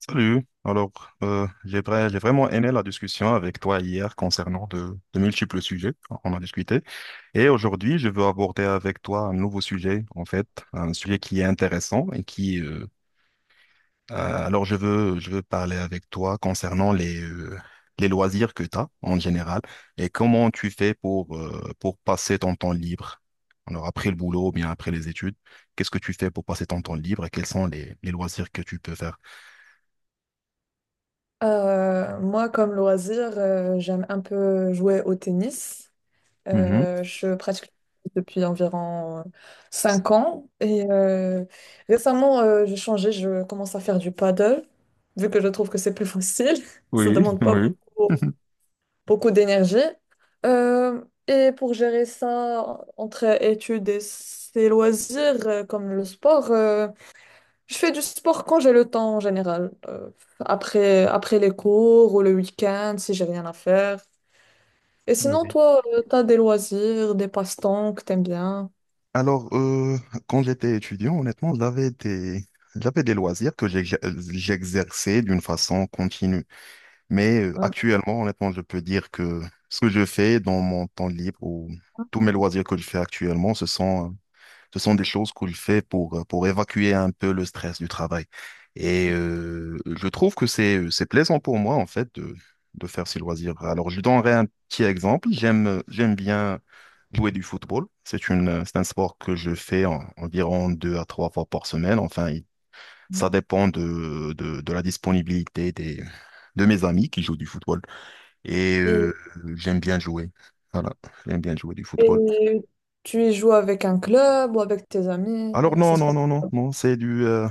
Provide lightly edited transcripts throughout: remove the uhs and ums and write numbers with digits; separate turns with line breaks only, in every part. Salut. Alors, j'ai vraiment aimé la discussion avec toi hier concernant de multiples sujets. On a discuté. Et aujourd'hui, je veux aborder avec toi un nouveau sujet, en fait, un sujet qui est intéressant et alors je veux parler avec toi concernant les loisirs que tu as en général et comment tu fais pour pour passer ton temps libre. Alors, après le boulot ou bien après les études, qu'est-ce que tu fais pour passer ton temps libre et quels sont les loisirs que tu peux faire?
Moi, comme loisir, j'aime un peu jouer au tennis.
Mhm.
Je pratique depuis environ 5 ans et récemment, j'ai changé, je commence à faire du paddle, vu que je trouve que c'est plus facile, ça
Oui,
demande pas
oui.
beaucoup, beaucoup d'énergie. Euh, et pour gérer ça entre études et ses loisirs, comme le sport, je fais du sport quand j'ai le temps en général. Après les cours ou le week-end, si j'ai rien à faire. Et
Ah
sinon,
oui.
toi, t'as des loisirs, des passe-temps que t'aimes bien.
Alors, quand j'étais étudiant, honnêtement, j'avais des loisirs que j'exerçais d'une façon continue. Mais
Ouais.
actuellement, honnêtement, je peux dire que ce que je fais dans mon temps libre ou tous mes loisirs que je fais actuellement, ce sont des choses qu'il fait pour évacuer un peu le stress du travail. Et je trouve que c'est plaisant pour moi, en fait, de faire ces loisirs. Alors, je donnerai un petit exemple. J'aime bien jouer du football. C'est un sport que je fais environ deux à trois fois par semaine. Enfin, ça dépend de la disponibilité de mes amis qui jouent du football. Et
Et,
j'aime bien jouer. Voilà, j'aime bien jouer du football.
et tu y joues avec un club ou avec tes amis?
Alors
Ça
non,
se
non,
passe.
non, non,
Comment?
non,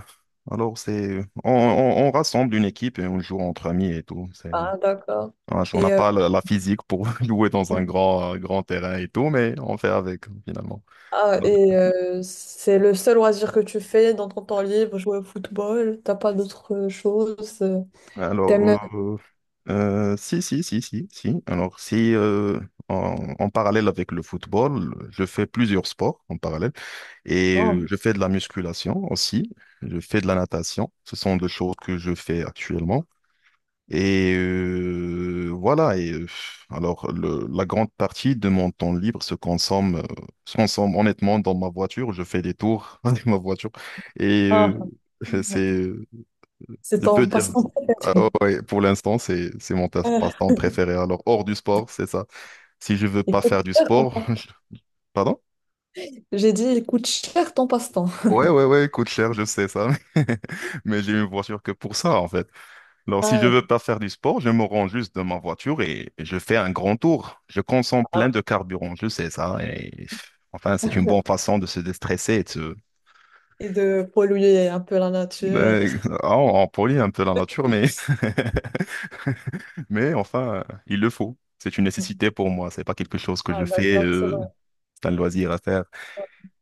alors c'est... on rassemble une équipe et on joue entre amis et tout. C'est,
Ah, d'accord.
ah, on n'a
Et,
pas la physique pour jouer dans un grand terrain et tout, mais on fait avec finalement.
ah,
Bon.
et c'est le seul loisir que tu fais dans ton temps libre, jouer au football? T'as pas d'autres choses? T'aimes.
Alors, euh, si, si, si, si, si. Alors si, en, en parallèle avec le football, je fais plusieurs sports en parallèle et
Oh,
je fais de la musculation aussi. Je fais de la natation. Ce sont deux choses que je fais actuellement. Et euh, voilà, et euh, alors la grande partie de mon temps libre se consomme honnêtement dans ma voiture. Je fais des tours avec ma voiture et
ah,
c'est,
c'est
je peux
ton
dire,
passe-temps
ah
préféré.
ouais, pour l'instant, c'est mon passe-temps préféré. Alors hors du sport, c'est ça. Si je veux
Il
pas
coûte
faire du
cher.
sport, je- pardon?
J'ai dit, il coûte cher ton passe-temps.
Ouais, ouais, ouais, coûte cher, je sais ça, mais j'ai une voiture que pour ça en fait. Alors, si je
Ah,
veux pas faire du sport, je me rends juste dans ma voiture et je fais un grand tour. Je consomme
ah.
plein de carburant, je sais ça. Et enfin, c'est une bonne façon de se déstresser et de se...
Et de polluer un peu la nature.
Mais- ah, on polie un peu la nature, mais mais enfin, il le faut. C'est une nécessité pour moi. C'est pas quelque chose que je
Ah,
fais.
d'accord, c'est vrai.
C'est un loisir à faire.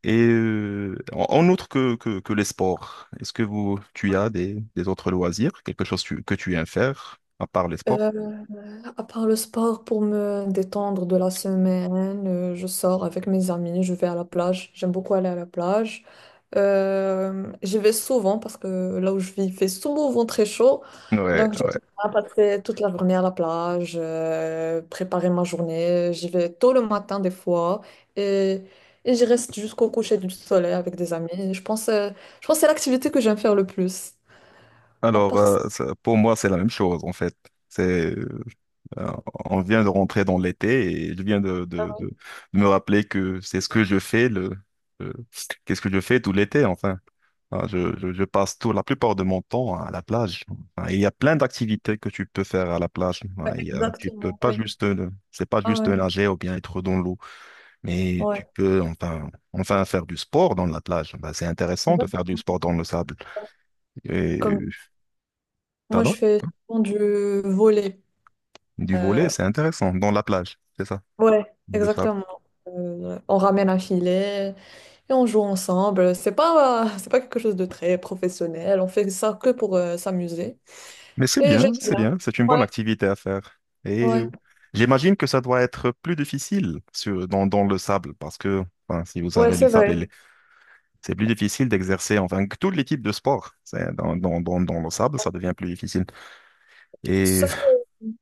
Et en en outre que les sports, est-ce que vous, tu as des autres loisirs, quelque chose que tu aimes faire à part les sports?
Euh, À part le sport, pour me détendre de la semaine, je sors avec mes amis, je vais à la plage. J'aime beaucoup aller à la plage. J'y vais souvent parce que là où je vis, il fait souvent très chaud.
Ouais,
Donc j'aime
ouais.
bien passer toute la journée à la plage, préparer ma journée. J'y vais tôt le matin des fois et, et j'y reste jusqu'au coucher du soleil avec des amis. Je pense que c'est l'activité que j'aime faire le plus. À
Alors,
part ça,
ça- pour moi, c'est la même chose, en fait. C'est, euh, on vient de rentrer dans l'été et je viens de me rappeler que c'est ce que je fais le- qu'est-ce que je fais tout l'été, enfin. Ah, je, je passe tout, la plupart de mon temps à la plage. Ah, il y a plein d'activités que tu peux faire à la plage. Ah,
ouais,
il y a- tu peux
exactement,
pas
oui.
juste, c'est pas
Ah
juste
ouais,
nager ou bien être dans l'eau, mais
ouais.
tu peux enfin, enfin faire du sport dans la plage. Bah, c'est intéressant de faire
Exact-
du sport dans le sable. Et,
Comme Moi, je
pardon?
fais souvent du volley.
Du volet,
Euh,
c'est intéressant, dans la plage, c'est ça,
ouais,
dans le sable.
exactement. On ramène un filet et on joue ensemble. C'est pas quelque chose de très professionnel. On fait ça que pour s'amuser.
Mais c'est
Et
bien,
j'aime
oui, c'est
bien.
bien, c'est une bonne
Ouais,
activité à faire. Et
ouais,
j'imagine que ça doit être plus difficile sur, dans le sable, parce que enfin, si vous
ouais,
avez le
c'est
sable,
vrai.
il c'est plus difficile d'exercer, enfin, que tous les types de sports. C'est- dans le sable, ça devient plus difficile. Et
Sauf que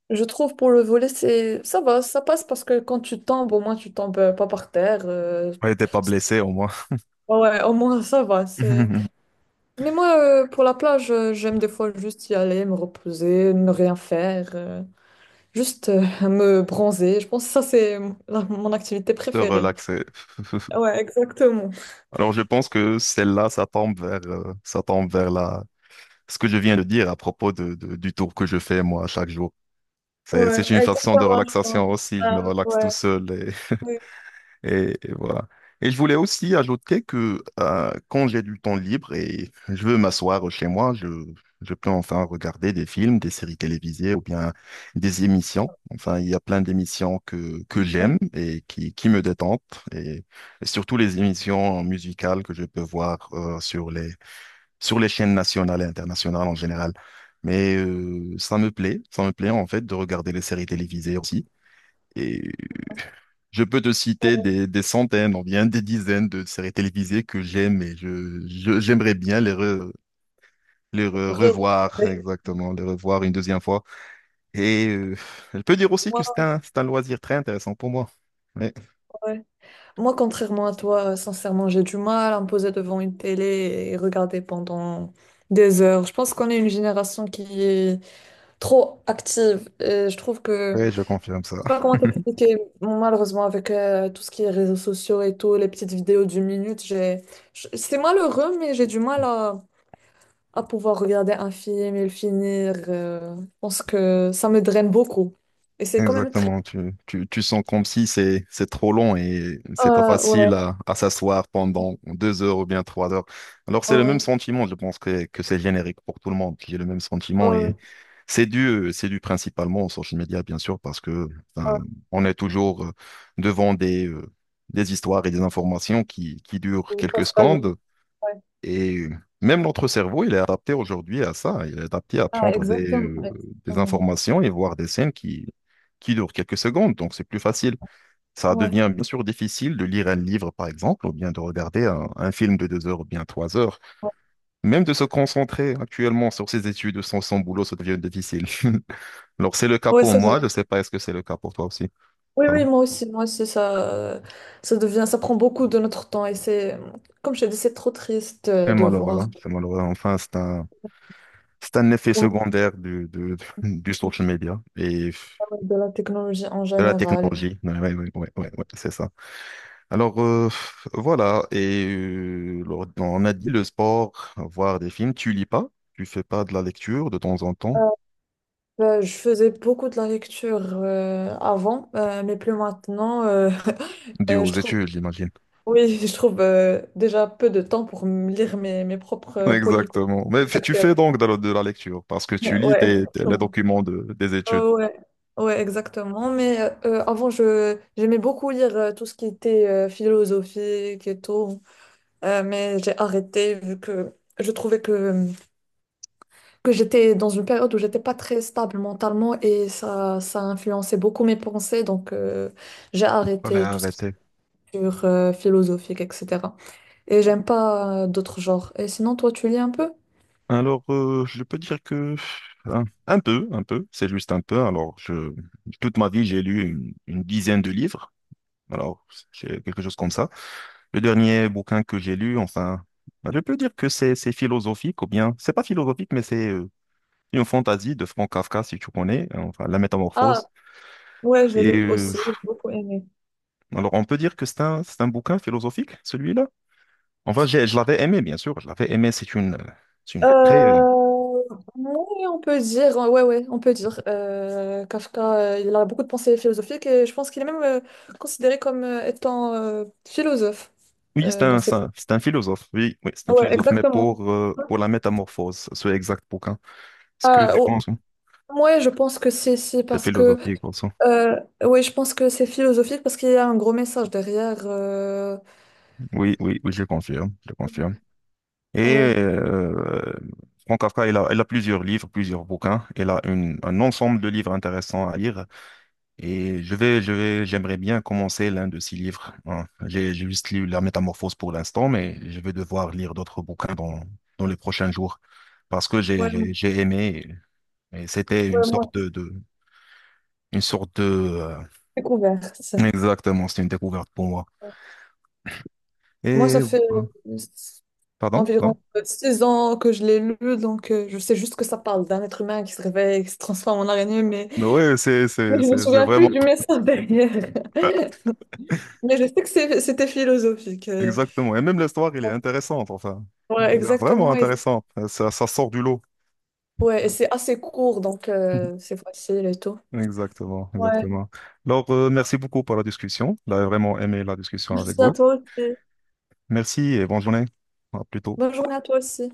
je trouve pour le volley, c'est, ça va, ça passe parce que quand tu tombes, au moins tu tombes pas par terre.
ouais, t'es pas
C'est-
blessé au moins.
Ouais, au moins ça va. C'est. Mais moi, pour la plage, j'aime des fois juste y aller, me reposer, ne rien faire. Juste à me bronzer. Je pense que ça, c'est mon activité
Se
préférée.
relaxer.
Ouais, exactement.
Alors je pense que celle-là, ça tombe vers la... ce que je viens de dire à propos du tour que je fais moi chaque jour.
Ouais,
C'est une façon de
exactement, je pense.
relaxation aussi. Je
Ah,
me relaxe tout
ouais,
seul
oui,
et, et voilà. Et je voulais aussi ajouter que quand j'ai du temps libre et je veux m'asseoir chez moi, je peux enfin regarder des films, des séries télévisées ou bien des émissions. Enfin, il y a plein d'émissions que j'aime
ouais.
et qui me détendent et, et surtout les émissions musicales que je peux voir sur sur les chaînes nationales et internationales en général. Mais ça me plaît en fait de regarder les séries télévisées aussi. Et je peux te citer des centaines, ou bien des dizaines de séries télévisées que j'aime et j'aimerais bien revoir,
Regarder.
exactement, les revoir une deuxième fois. Et je peux dire aussi que
Moi,
c'est un loisir très intéressant pour moi. Oui,
ouais. Moi, contrairement à toi, sincèrement, j'ai du mal à me poser devant une télé et regarder pendant des heures. Je pense qu'on est une génération qui est trop active. Et je trouve que sais
je confirme ça.
pas comment t'expliquer. Bon, malheureusement, avec tout ce qui est réseaux sociaux et tout, les petites vidéos d'une minute, j'ai. C'est malheureux, mais j'ai du mal à pouvoir regarder un film et le finir. Je pense que ça me draine beaucoup. Et c'est quand même triste.
Exactement, tu sens comme si c'est trop long et c'est pas facile
Ouais.
à s'asseoir pendant deux heures ou bien trois heures. Alors c'est
Oh
le même
oui.
sentiment, je pense que c'est générique pour tout le monde. J'ai le même sentiment
Oh oui.
et c'est dû principalement aux social media, bien sûr, parce que enfin,
Ah,
on est toujours devant des histoires et des informations qui durent
oui. Ça
quelques
se passe.
secondes.
Ouais.
Et même notre cerveau, il est adapté aujourd'hui à ça. Il est adapté à
Ah,
prendre
exactement.
des
Exactement.
informations et voir des scènes qui durent quelques secondes. Donc, c'est plus facile. Ça
Ouais.
devient bien sûr difficile de lire un livre, par exemple, ou bien de regarder un film de deux heures ou bien trois heures.
Ouais,
Même de se concentrer actuellement sur ses études sans son boulot, ça devient difficile. Alors, c'est le cas
Ouais,
pour
c'est vrai.
moi. Je ne sais pas, est-ce que c'est le cas pour toi aussi?
Oui,
Ah,
oui, moi aussi. Moi aussi, ça devient, ça prend beaucoup de notre temps. Et comme je te dis, c'est trop triste
c'est
de
malheureux.
voir.
Hein. C'est malheureux. Enfin, c'est un effet secondaire du social media. Et
De la technologie en
de la
général.
technologie, oui, ouais, ouais, ouais, ouais, ouais, c'est ça. Alors, voilà, et on a dit le sport, voir des films, tu lis pas, tu fais pas de la lecture de temps en temps,
Je faisais beaucoup de la lecture avant, mais plus maintenant.
dû aux
Je trouve,
études, j'imagine.
oui, je trouve déjà peu de temps pour me lire mes propres polycopies.
Exactement. Mais tu
Exactement.
fais donc de la lecture, parce que tu lis
Ouais,
les
exactement.
documents des études.
Ouais. Ouais, exactement. Mais avant, je j'aimais beaucoup lire tout ce qui était philosophique et tout. Mais j'ai arrêté vu que je trouvais que j'étais dans une période où j'étais pas très stable mentalement et ça a influencé beaucoup mes pensées. Donc, j'ai
Allez,
arrêté tout ce qui
arrêtez.
est culture, philosophique, etc. Et j'aime pas d'autres genres. Et sinon, toi, tu lis un peu?
Alors, je peux dire que un peu, c'est juste un peu. Alors, je, toute ma vie, j'ai lu une dizaine de livres. Alors, c'est quelque chose comme ça. Le dernier bouquin que j'ai lu, enfin, bah, je peux dire que c'est philosophique ou bien, c'est pas philosophique, mais c'est une fantaisie de Franz Kafka, si tu connais, hein, enfin, La
Ah,
Métamorphose.
ouais, j'ai
Et
lu aussi, j'ai beaucoup aimé.
alors, on peut dire que c'est un bouquin philosophique, celui-là. Enfin, je l'avais aimé, bien sûr, je l'avais aimé. C'est une très
Euh, oui, on peut dire, ouais, ouais, on peut dire. Kafka, il a beaucoup de pensées philosophiques et je pense qu'il est même considéré comme étant philosophe
oui,
dans ses...
c'est un philosophe. Oui, oui, c'est un
Ouais,
philosophe, mais
exactement.
pour la métamorphose, c'est exact pour quand? Est-ce que
Ah,
tu penses? Hein.
ouais, je pense que c'est
C'est
parce que
philosophique aussi.
euh, ouais, je pense que c'est philosophique parce qu'il y a un gros message derrière.
Oui, oui, oui, je confirme, je confirme. Et
Ouais,
Franz Kafka, il a plusieurs livres, plusieurs bouquins. Il a un ensemble de livres intéressants à lire. Et j'aimerais bien commencer l'un de ces livres. Hein. J'ai juste lu La Métamorphose pour l'instant, mais je vais devoir lire d'autres bouquins dans les prochains jours parce que
ouais,
j'ai aimé. Et c'était une
ouais, moi,
sorte une sorte de,
j'ai découvert ça.
exactement, c'était une découverte pour moi.
Moi, ça
Et, euh,
fait euh,
pardon,
environ
non?
6 ans que je l'ai lu, donc je sais juste que ça parle d'un être humain qui se réveille, qui se transforme en araignée, mais,
Oui,
mais je me
c'est
souviens plus
vraiment,
du message derrière. Mais je sais que c'était philosophique.
exactement. Et même l'histoire, elle est intéressante, enfin.
Ouais,
Elle est vraiment
exactement. Et,
intéressante. Ça, ça sort du lot.
ouais, et c'est assez court, donc c'est facile et tout.
Exactement,
Ouais,
exactement. Alors, merci beaucoup pour la discussion. J'ai vraiment aimé la discussion avec
merci à
vous.
toi aussi.
Merci et bonne journée. À plus tôt.
Bonne journée à toi aussi.